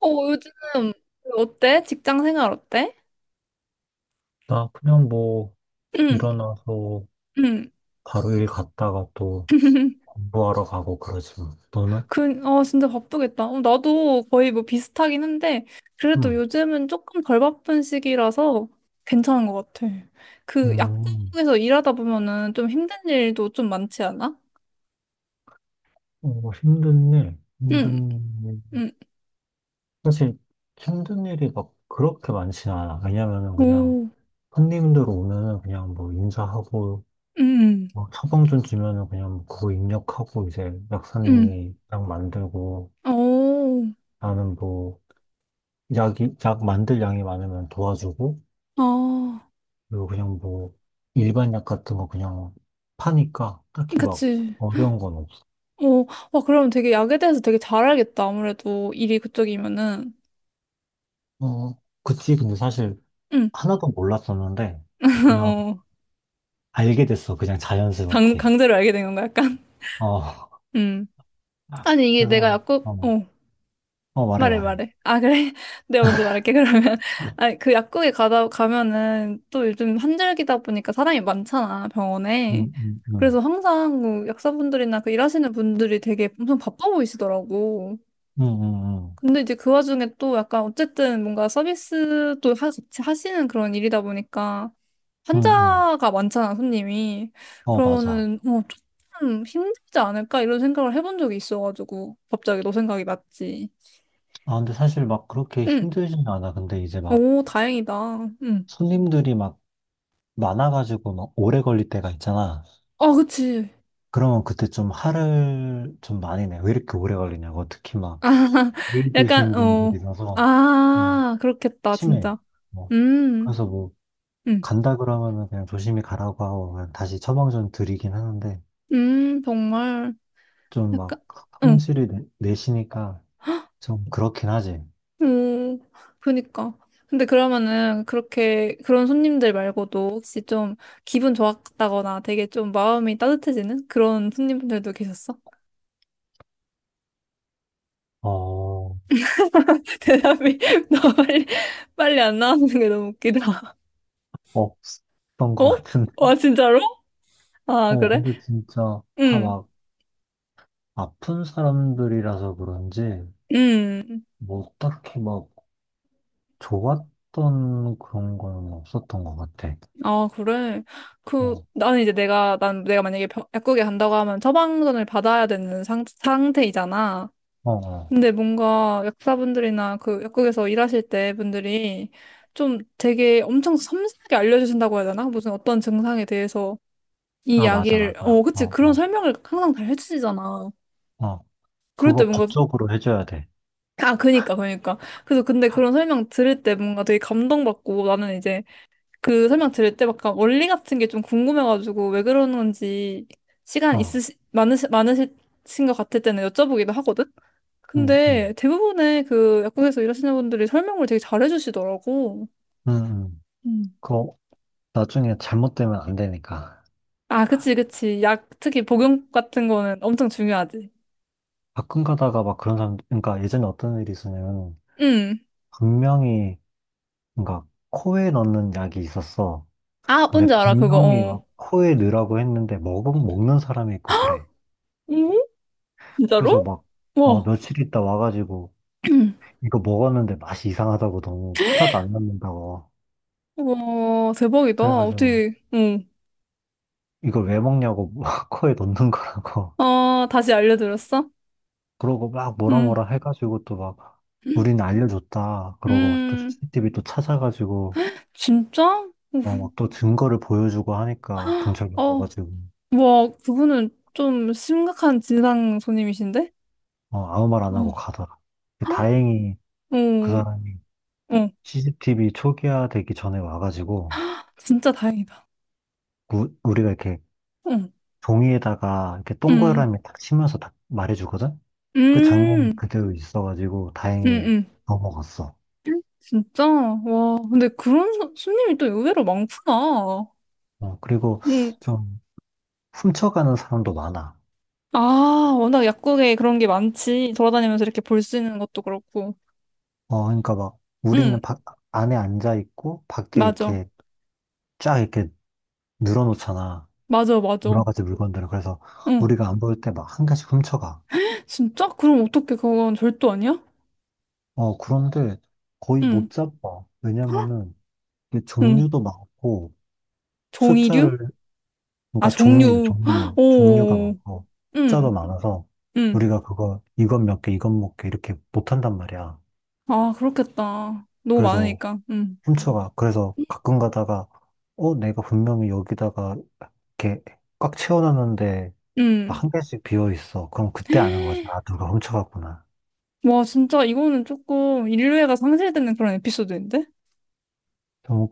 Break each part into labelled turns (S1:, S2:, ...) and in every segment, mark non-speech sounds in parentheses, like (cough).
S1: 어, 요즘 어때? 직장 생활 어때?
S2: 나 그냥 뭐
S1: 응,
S2: 일어나서
S1: 응.
S2: 바로 일 갔다가 또
S1: (laughs)
S2: 공부하러 가고 그러지 뭐. 너는?
S1: 그, 어, 진짜 바쁘겠다. 어, 나도 거의 뭐 비슷하긴 한데, 그래도
S2: 응.
S1: 요즘은 조금 덜 바쁜 시기라서 괜찮은 것 같아. 그
S2: 음,
S1: 약국에서 일하다 보면은 좀 힘든 일도 좀 많지 않아?
S2: 어, 힘든 일,
S1: 응,
S2: 힘든 일.
S1: 응.
S2: 사실 힘든 일이 막 그렇게 많진 않아. 왜냐면은 그냥
S1: 오,
S2: 손님들 오면은 그냥 뭐 인사하고
S1: 응,
S2: 뭐 처방전 주면은 그냥 뭐 그거 입력하고 이제
S1: 응.
S2: 약사님이 약 만들고
S1: 오,
S2: 나는 뭐 약이 약 만들 양이 많으면 도와주고
S1: 아,
S2: 그리고 그냥 뭐 일반 약 같은 거 그냥 파니까 딱히 막
S1: 그치.
S2: 어려운 건 없어.
S1: 어, 와, 그럼 되게 약에 대해서 되게 잘 알겠다. 아무래도 일이 그쪽이면은.
S2: 어, 그치. 근데 사실
S1: 응.
S2: 하나도 몰랐었는데
S1: (laughs)
S2: 그냥
S1: 어.
S2: 알게 됐어. 그냥
S1: 강,
S2: 자연스럽게.
S1: 강제로 알게 된 건가, 약간?
S2: 어,
S1: 음. 아니,
S2: (laughs)
S1: 이게 내가
S2: 그래서,
S1: 약국,
S2: 어,
S1: 어,
S2: 어, 말해,
S1: 말해,
S2: 말해.
S1: 말해. 아, 그래? (laughs) 내가 먼저 말할게, 그러면. (laughs)
S2: 응,
S1: 아니, 그 약국에 가면은 또 요즘 환절기다 보니까 사람이 많잖아, 병원에.
S2: 응,
S1: 그래서
S2: 응,
S1: 항상 그 약사분들이나 그 일하시는 분들이 되게 엄청 바빠 보이시더라고.
S2: 응, 응,
S1: 근데 이제 그 와중에 또 약간 어쨌든 뭔가 서비스도 같이 하시는 그런 일이다 보니까
S2: 응, 응.
S1: 환자가 많잖아, 손님이.
S2: 어, 맞아.
S1: 그러면은, 어, 조금 힘들지 않을까? 이런 생각을 해본 적이 있어가지고, 갑자기 너 생각이 났지.
S2: 아, 근데 사실 막 그렇게
S1: 응.
S2: 힘들진 않아. 근데 이제 막
S1: 오, 다행이다. 응.
S2: 손님들이 막 많아가지고 막 오래 걸릴 때가 있잖아.
S1: 어, 그치.
S2: 그러면 그때 좀 화를 좀 많이 내. 왜 이렇게 오래 걸리냐고. 특히 막,
S1: 아, (laughs)
S2: 나이
S1: 약간,
S2: 드신
S1: 어,
S2: 분들이라서, 좀
S1: 아, 그렇겠다,
S2: 심해.
S1: 진짜.
S2: 뭐.
S1: 음,
S2: 그래서 뭐,
S1: 음,
S2: 간다 그러면은 그냥 조심히 가라고 하고, 그냥 다시 처방전 드리긴 하는데,
S1: 정말.
S2: 좀 막,
S1: 약간, 응.
S2: 성질이 내시니까 좀 그렇긴 하지.
S1: 음, 그니까. 근데 그러면은 그렇게 그런 손님들 말고도 혹시 좀 기분 좋았다거나 되게 좀 마음이 따뜻해지는 그런 손님들도 계셨어?
S2: 어,
S1: (laughs) 대답이 (laughs) 너무 빨리 안 나오는 게 너무 웃기다. (laughs)
S2: 없었던 것
S1: 어?
S2: 같은데.
S1: 와,
S2: (laughs)
S1: 진짜로? 아,
S2: 어,
S1: 그래?
S2: 근데 진짜 다
S1: 응,
S2: 막, 아픈 사람들이라서 그런지,
S1: 응.
S2: 뭐, 딱히 막, 좋았던 그런 거는 없었던 것 같아.
S1: 아, 그래. 그,
S2: 어,
S1: 나는 이제 내가 만약에 약국에 간다고 하면 처방전을 받아야 되는 상태이잖아.
S2: 어, 어.
S1: 근데 뭔가 약사분들이나 그 약국에서 일하실 때 분들이 좀 되게 엄청 섬세하게 알려주신다고 해야 되나? 무슨 어떤 증상에 대해서 이
S2: 아, 맞아,
S1: 약을,
S2: 맞아.
S1: 어, 그치.
S2: 어,
S1: 그런
S2: 어,
S1: 설명을 항상 잘 해주시잖아.
S2: 어.
S1: 그럴 때
S2: 그거
S1: 뭔가,
S2: 법적으로 해줘야 돼.
S1: 아, 그니까. 그래서 근데 그런 설명 들을 때 뭔가 되게 감동받고 나는 이제 그 설명 들을 때 약간 원리 같은 게 좀 궁금해가지고 왜 그러는지 시간
S2: 어,
S1: 많으신 것 같을 때는 여쭤보기도 하거든?
S2: 응, 응,
S1: 근데 대부분의 그 약국에서 일하시는 분들이 설명을 되게 잘해주시더라고.
S2: 응, 응.
S1: 음.
S2: 그거 나중에 잘못되면 안 되니까.
S1: 아, 그치. 약, 특히 복용 같은 거는 엄청 중요하지.
S2: 가끔 가다가 막 그런 사람, 그러니까 예전에 어떤 일이 있었냐면,
S1: 응.
S2: 분명히, 그러니까 코에 넣는 약이 있었어.
S1: 아,
S2: 근데
S1: 뭔지 알아, 그거.
S2: 분명히 막
S1: 어.
S2: 코에 넣으라고 했는데, 먹는 사람이 있고 그래.
S1: 응?
S2: 그래서
S1: 진짜로?
S2: 막, 어,
S1: 와.
S2: 며칠 있다 와가지고,
S1: (clears throat)
S2: 이거 먹었는데 맛이 이상하다고 너무 하나도 안 남는다고.
S1: 와, 대박이다.
S2: 그래가지고,
S1: 어떻게, 응.
S2: 이걸 왜 먹냐고 막 (laughs) 코에 넣는 거라고
S1: 아, 다시 알려드렸어?
S2: 그러고 막 뭐라
S1: 응.
S2: 뭐라 해가지고 또 막 우리는 알려줬다 그러고 또
S1: 음,
S2: CCTV 또 찾아가지고
S1: 진짜? 우,
S2: 어 막 또 증거를 보여주고 하니까 경찰관
S1: 어,
S2: 와가지고
S1: 와, 그분은 좀 심각한 진상 손님이신데?
S2: 어 아무 말 안 하고
S1: 어,
S2: 가더라. 근데 다행히 그
S1: 어,
S2: 사람이
S1: 어,
S2: CCTV 초기화되기 전에 와가지고
S1: 진짜 다행이다.
S2: 우리가 이렇게
S1: 응,
S2: 종이에다가 이렇게
S1: 응
S2: 동그라미 딱 치면서 딱 말해주거든. 그
S1: 응
S2: 장면이 그대로 있어가지고
S1: 응
S2: 다행히
S1: 응
S2: 넘어갔어.
S1: 진짜? 와, 근데 그런 손님이 또 의외로 많구나.
S2: 어, 그리고
S1: 응.
S2: 좀 훔쳐가는 사람도 많아.
S1: 아, 워낙 약국에 그런 게 많지. 돌아다니면서 이렇게 볼 수 있는 것도 그렇고.
S2: 어, 그러니까 막
S1: 응,
S2: 안에 앉아 있고 밖에
S1: 맞아.
S2: 이렇게 쫙 이렇게 늘어놓잖아. 여러
S1: 맞아.
S2: 가지 물건들을. 그래서
S1: 응.
S2: 우리가 안 볼 때 막 한 개씩 훔쳐가.
S1: 진짜? 그럼 어떻게 그건 절도 아니야?
S2: 어, 그런데 거의
S1: 응,
S2: 못 잡아. 왜냐면은 이게
S1: 응.
S2: 종류도 많고 숫자를,
S1: 종이류? 아,
S2: 그러니까 종류,
S1: 종류. (gasps) 헉,
S2: 종류, 종류가
S1: 오,
S2: 많고
S1: 응,
S2: 숫자도 많아서
S1: 응.
S2: 우리가 그거 이건 몇 개, 이건 몇 개 이렇게 못 한단 말이야.
S1: 아, 그렇겠다. 너무
S2: 그래서
S1: 많으니까. 응,
S2: 훔쳐가. 그래서 가끔 가다가 어, 내가 분명히 여기다가 이렇게 꽉 채워놨는데
S1: 응.
S2: 막 한 개씩 비어 있어. 그럼 그때 아는 거지. 아, 누가 훔쳐갔구나.
S1: 와, 진짜 이거는 조금 인류애가 상실되는 그런 에피소드인데?
S2: 좀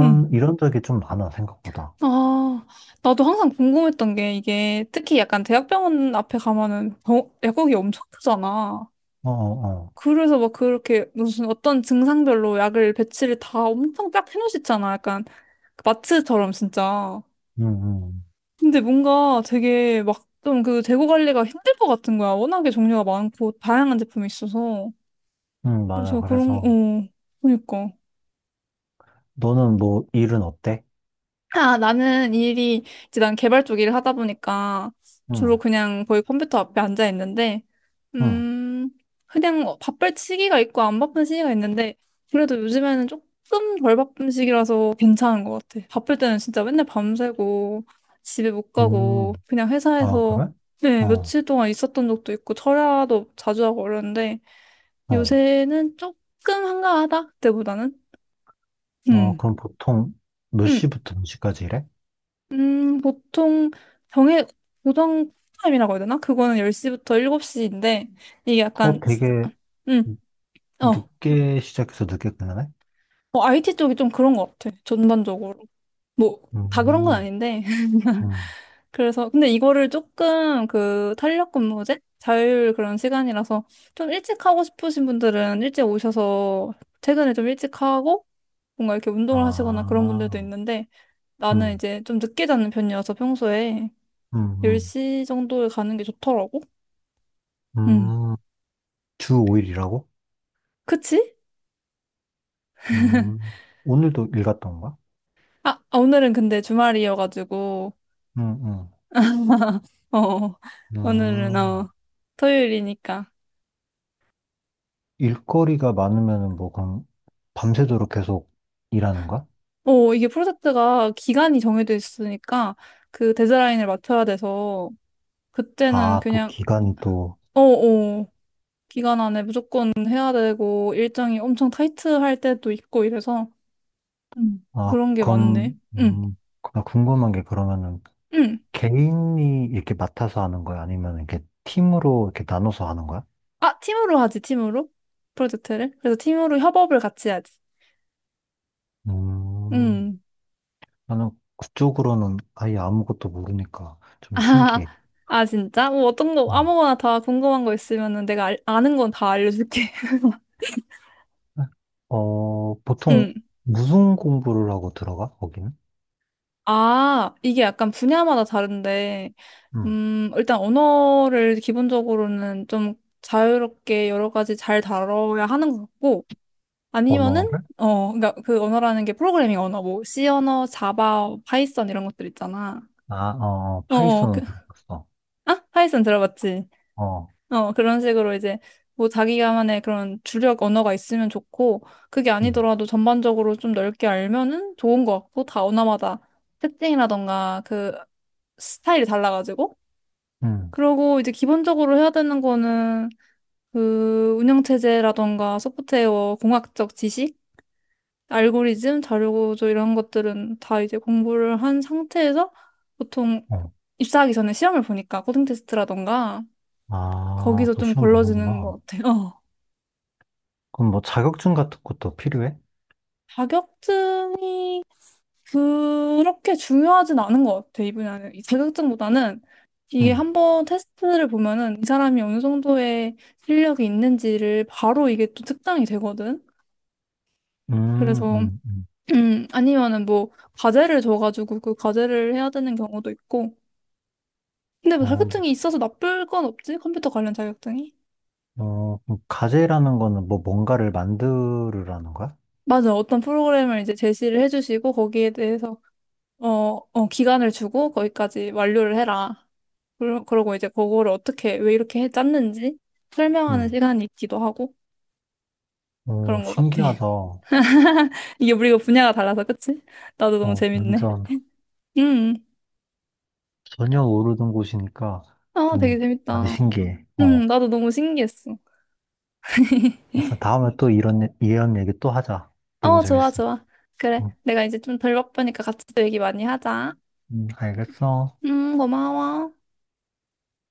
S1: 응.
S2: 이런 적이 좀 많아, 생각보다.
S1: 아, 나도 항상 궁금했던 게 이게 특히 약간 대학병원 앞에 가면은 약국이 엄청 크잖아.
S2: 어, 어, 어.
S1: 그래서 막 그렇게 무슨 어떤 증상별로 약을 배치를 다 엄청 딱 해놓으시잖아. 약간 그 마트처럼 진짜.
S2: 응, 응.
S1: 근데 뭔가 되게 막 좀 그 재고 관리가 힘들 것 같은 거야. 워낙에 종류가 많고 다양한 제품이 있어서.
S2: 응, 맞아.
S1: 그래서 그런,
S2: 그래서
S1: 어, 그러니까.
S2: 너는 뭐 일은 어때?
S1: 아, 나는 일이, 이제 난 개발 쪽 일을 하다 보니까 주로
S2: 응,
S1: 그냥 거의 컴퓨터 앞에 앉아 있는데,
S2: 응.
S1: 음, 그냥 어, 바쁠 시기가 있고 안 바쁜 시기가 있는데, 그래도 요즘에는 조금 덜 바쁜 시기라서 괜찮은 것 같아. 바쁠 때는 진짜 맨날 밤새고, 집에 못 가고,
S2: 음,
S1: 그냥
S2: 아,
S1: 회사에서
S2: 그래?
S1: 네,
S2: 어,
S1: 며칠 동안 있었던 적도 있고, 철야도 자주 하고 그러는데,
S2: 어.
S1: 요새는 조금 한가하다, 그때보다는.
S2: 어,
S1: 음
S2: 그럼 보통 몇
S1: 음.
S2: 시부터 몇 시까지 일해?
S1: 보통 정해 고정 타임이라고 해야 되나? 그거는 10시부터 7시인데 이게
S2: 어,
S1: 약간
S2: 되게
S1: 음, 어.
S2: 늦게 시작해서 늦게 끝나네?
S1: 어, IT 쪽이 좀 그런 것 같아. 전반적으로. 뭐 다 그런 건
S2: 음,
S1: 아닌데. (laughs)
S2: 음.
S1: 그래서 근데 이거를 조금 그 탄력 근무제 자율 그런 시간이라서 좀 일찍 하고 싶으신 분들은 일찍 오셔서 퇴근을 좀 일찍 하고 뭔가 이렇게 운동을 하시거나 그런 분들도
S2: 아,
S1: 있는데 나는
S2: 음,
S1: 이제 좀 늦게 자는 편이어서 평소에
S2: 음, 음.
S1: 10시 정도에 가는 게 좋더라고. 음.
S2: 음. 주 5일이라고?
S1: 그치?
S2: 음, 오늘도 일 갔다 온 거야?
S1: 아, 오늘은 근데 주말이어가지고,
S2: 응, 응.
S1: 어, 오늘은,
S2: 음,
S1: 어, 토요일이니까.
S2: 일거리가 많으면은 뭐, 그럼 밤새도록 계속 일하는 거야?
S1: 어, 이게 프로젝트가 기간이 정해져 있으니까 그 데드라인을 맞춰야 돼서, 그때는
S2: 아, 또
S1: 그냥,
S2: 기간이 또,
S1: 어, 어, 기간 안에 무조건 해야 되고, 일정이 엄청 타이트할 때도 있고 이래서,
S2: 아,
S1: 그런 게
S2: 그럼,
S1: 많네. 응,
S2: 나 궁금한 게 그러면은
S1: 응.
S2: 개인이 이렇게 맡아서 하는 거야? 아니면 이렇게 팀으로 이렇게 나눠서 하는 거야?
S1: 아, 팀으로 하지, 팀으로? 프로젝트를? 그래서 팀으로 협업을 같이 하지.
S2: 음,
S1: 응.
S2: 나는 그쪽으로는 아예 아무것도 모르니까 좀
S1: 아,
S2: 신기해.
S1: 진짜? 뭐 어떤 거,
S2: 음.
S1: 아무거나 다 궁금한 거 있으면은 내가 아는 건 다 알려줄게. (laughs)
S2: 어, 보통
S1: 응.
S2: 무슨 공부를 하고 들어가, 거기는?
S1: 아, 이게 약간 분야마다 다른데,
S2: 음.
S1: 일단 언어를 기본적으로는 좀 자유롭게 여러 가지 잘 다뤄야 하는 것 같고, 아니면은,
S2: 언어를?
S1: 어, 그니까 그 언어라는 게 프로그래밍 언어, 뭐, C 언어, 자바, 파이썬 이런 것들 있잖아.
S2: 아, 어,
S1: 그,
S2: 파이썬은 들어갔어.
S1: 아? 파이썬 들어봤지?
S2: 어,
S1: 어, 그런 식으로 이제 뭐 자기만의 그런 주력 언어가 있으면 좋고, 그게
S2: 음,
S1: 아니더라도 전반적으로 좀 넓게 알면은 좋은 것 같고, 다 언어마다 특징이라던가 그 스타일이 달라가지고.
S2: 음,
S1: 그러고 이제 기본적으로 해야 되는 거는 그 운영체제라던가 소프트웨어, 공학적 지식, 알고리즘, 자료구조 이런 것들은 다 이제 공부를 한 상태에서 보통
S2: 어.
S1: 입사하기 전에 시험을 보니까 코딩 테스트라던가
S2: 아,
S1: 거기서
S2: 또
S1: 좀
S2: 시험
S1: 걸러지는
S2: 보는구나.
S1: 것 같아요.
S2: 그럼 뭐 자격증 같은 것도 필요해?
S1: 자격증이 그렇게 중요하진 않은 것 같아, 이 분야는. 이 자격증보다는 이게
S2: 음,
S1: 한번 테스트를 보면은 이 사람이 어느 정도의 실력이 있는지를 바로 이게 또 특당이 되거든.
S2: 음,
S1: 그래서,
S2: 음, 음.
S1: 아니면은 뭐, 과제를 줘가지고 그 과제를 해야 되는 경우도 있고. 근데 뭐
S2: 어,
S1: 자격증이 있어서 나쁠 건 없지? 컴퓨터 관련 자격증이?
S2: 뭐, 어, 그럼 가제라는 거는 뭐 뭔가를 만들으라는 거야?
S1: 맞아. 어떤 프로그램을 이제 제시를 해주시고 거기에 대해서 어, 어, 기간을 주고 거기까지 완료를 해라. 그러고 이제 그거를 어떻게, 왜 이렇게 해 짰는지 설명하는
S2: 음,
S1: 시간이 있기도 하고
S2: 어,
S1: 그런 것 같아.
S2: 신기하다.
S1: (laughs)
S2: 어,
S1: 이게 우리가 분야가 달라서, 그치? 나도 너무 재밌네.
S2: 완전
S1: 음,
S2: 전혀 모르던 곳이니까
S1: 아, 되게
S2: 좀 많이
S1: 재밌다.
S2: 신기해. 어.
S1: 나도 너무 신기했어.
S2: 그래서 다음에 또 이런, 이런 얘기 또 하자. 너무
S1: 어, 좋아,
S2: 재밌어.
S1: 좋아. 그래.
S2: 응,
S1: 내가 이제 좀 덜 바쁘니까 같이 또 얘기 많이 하자.
S2: 응, 알겠어.
S1: 고마워.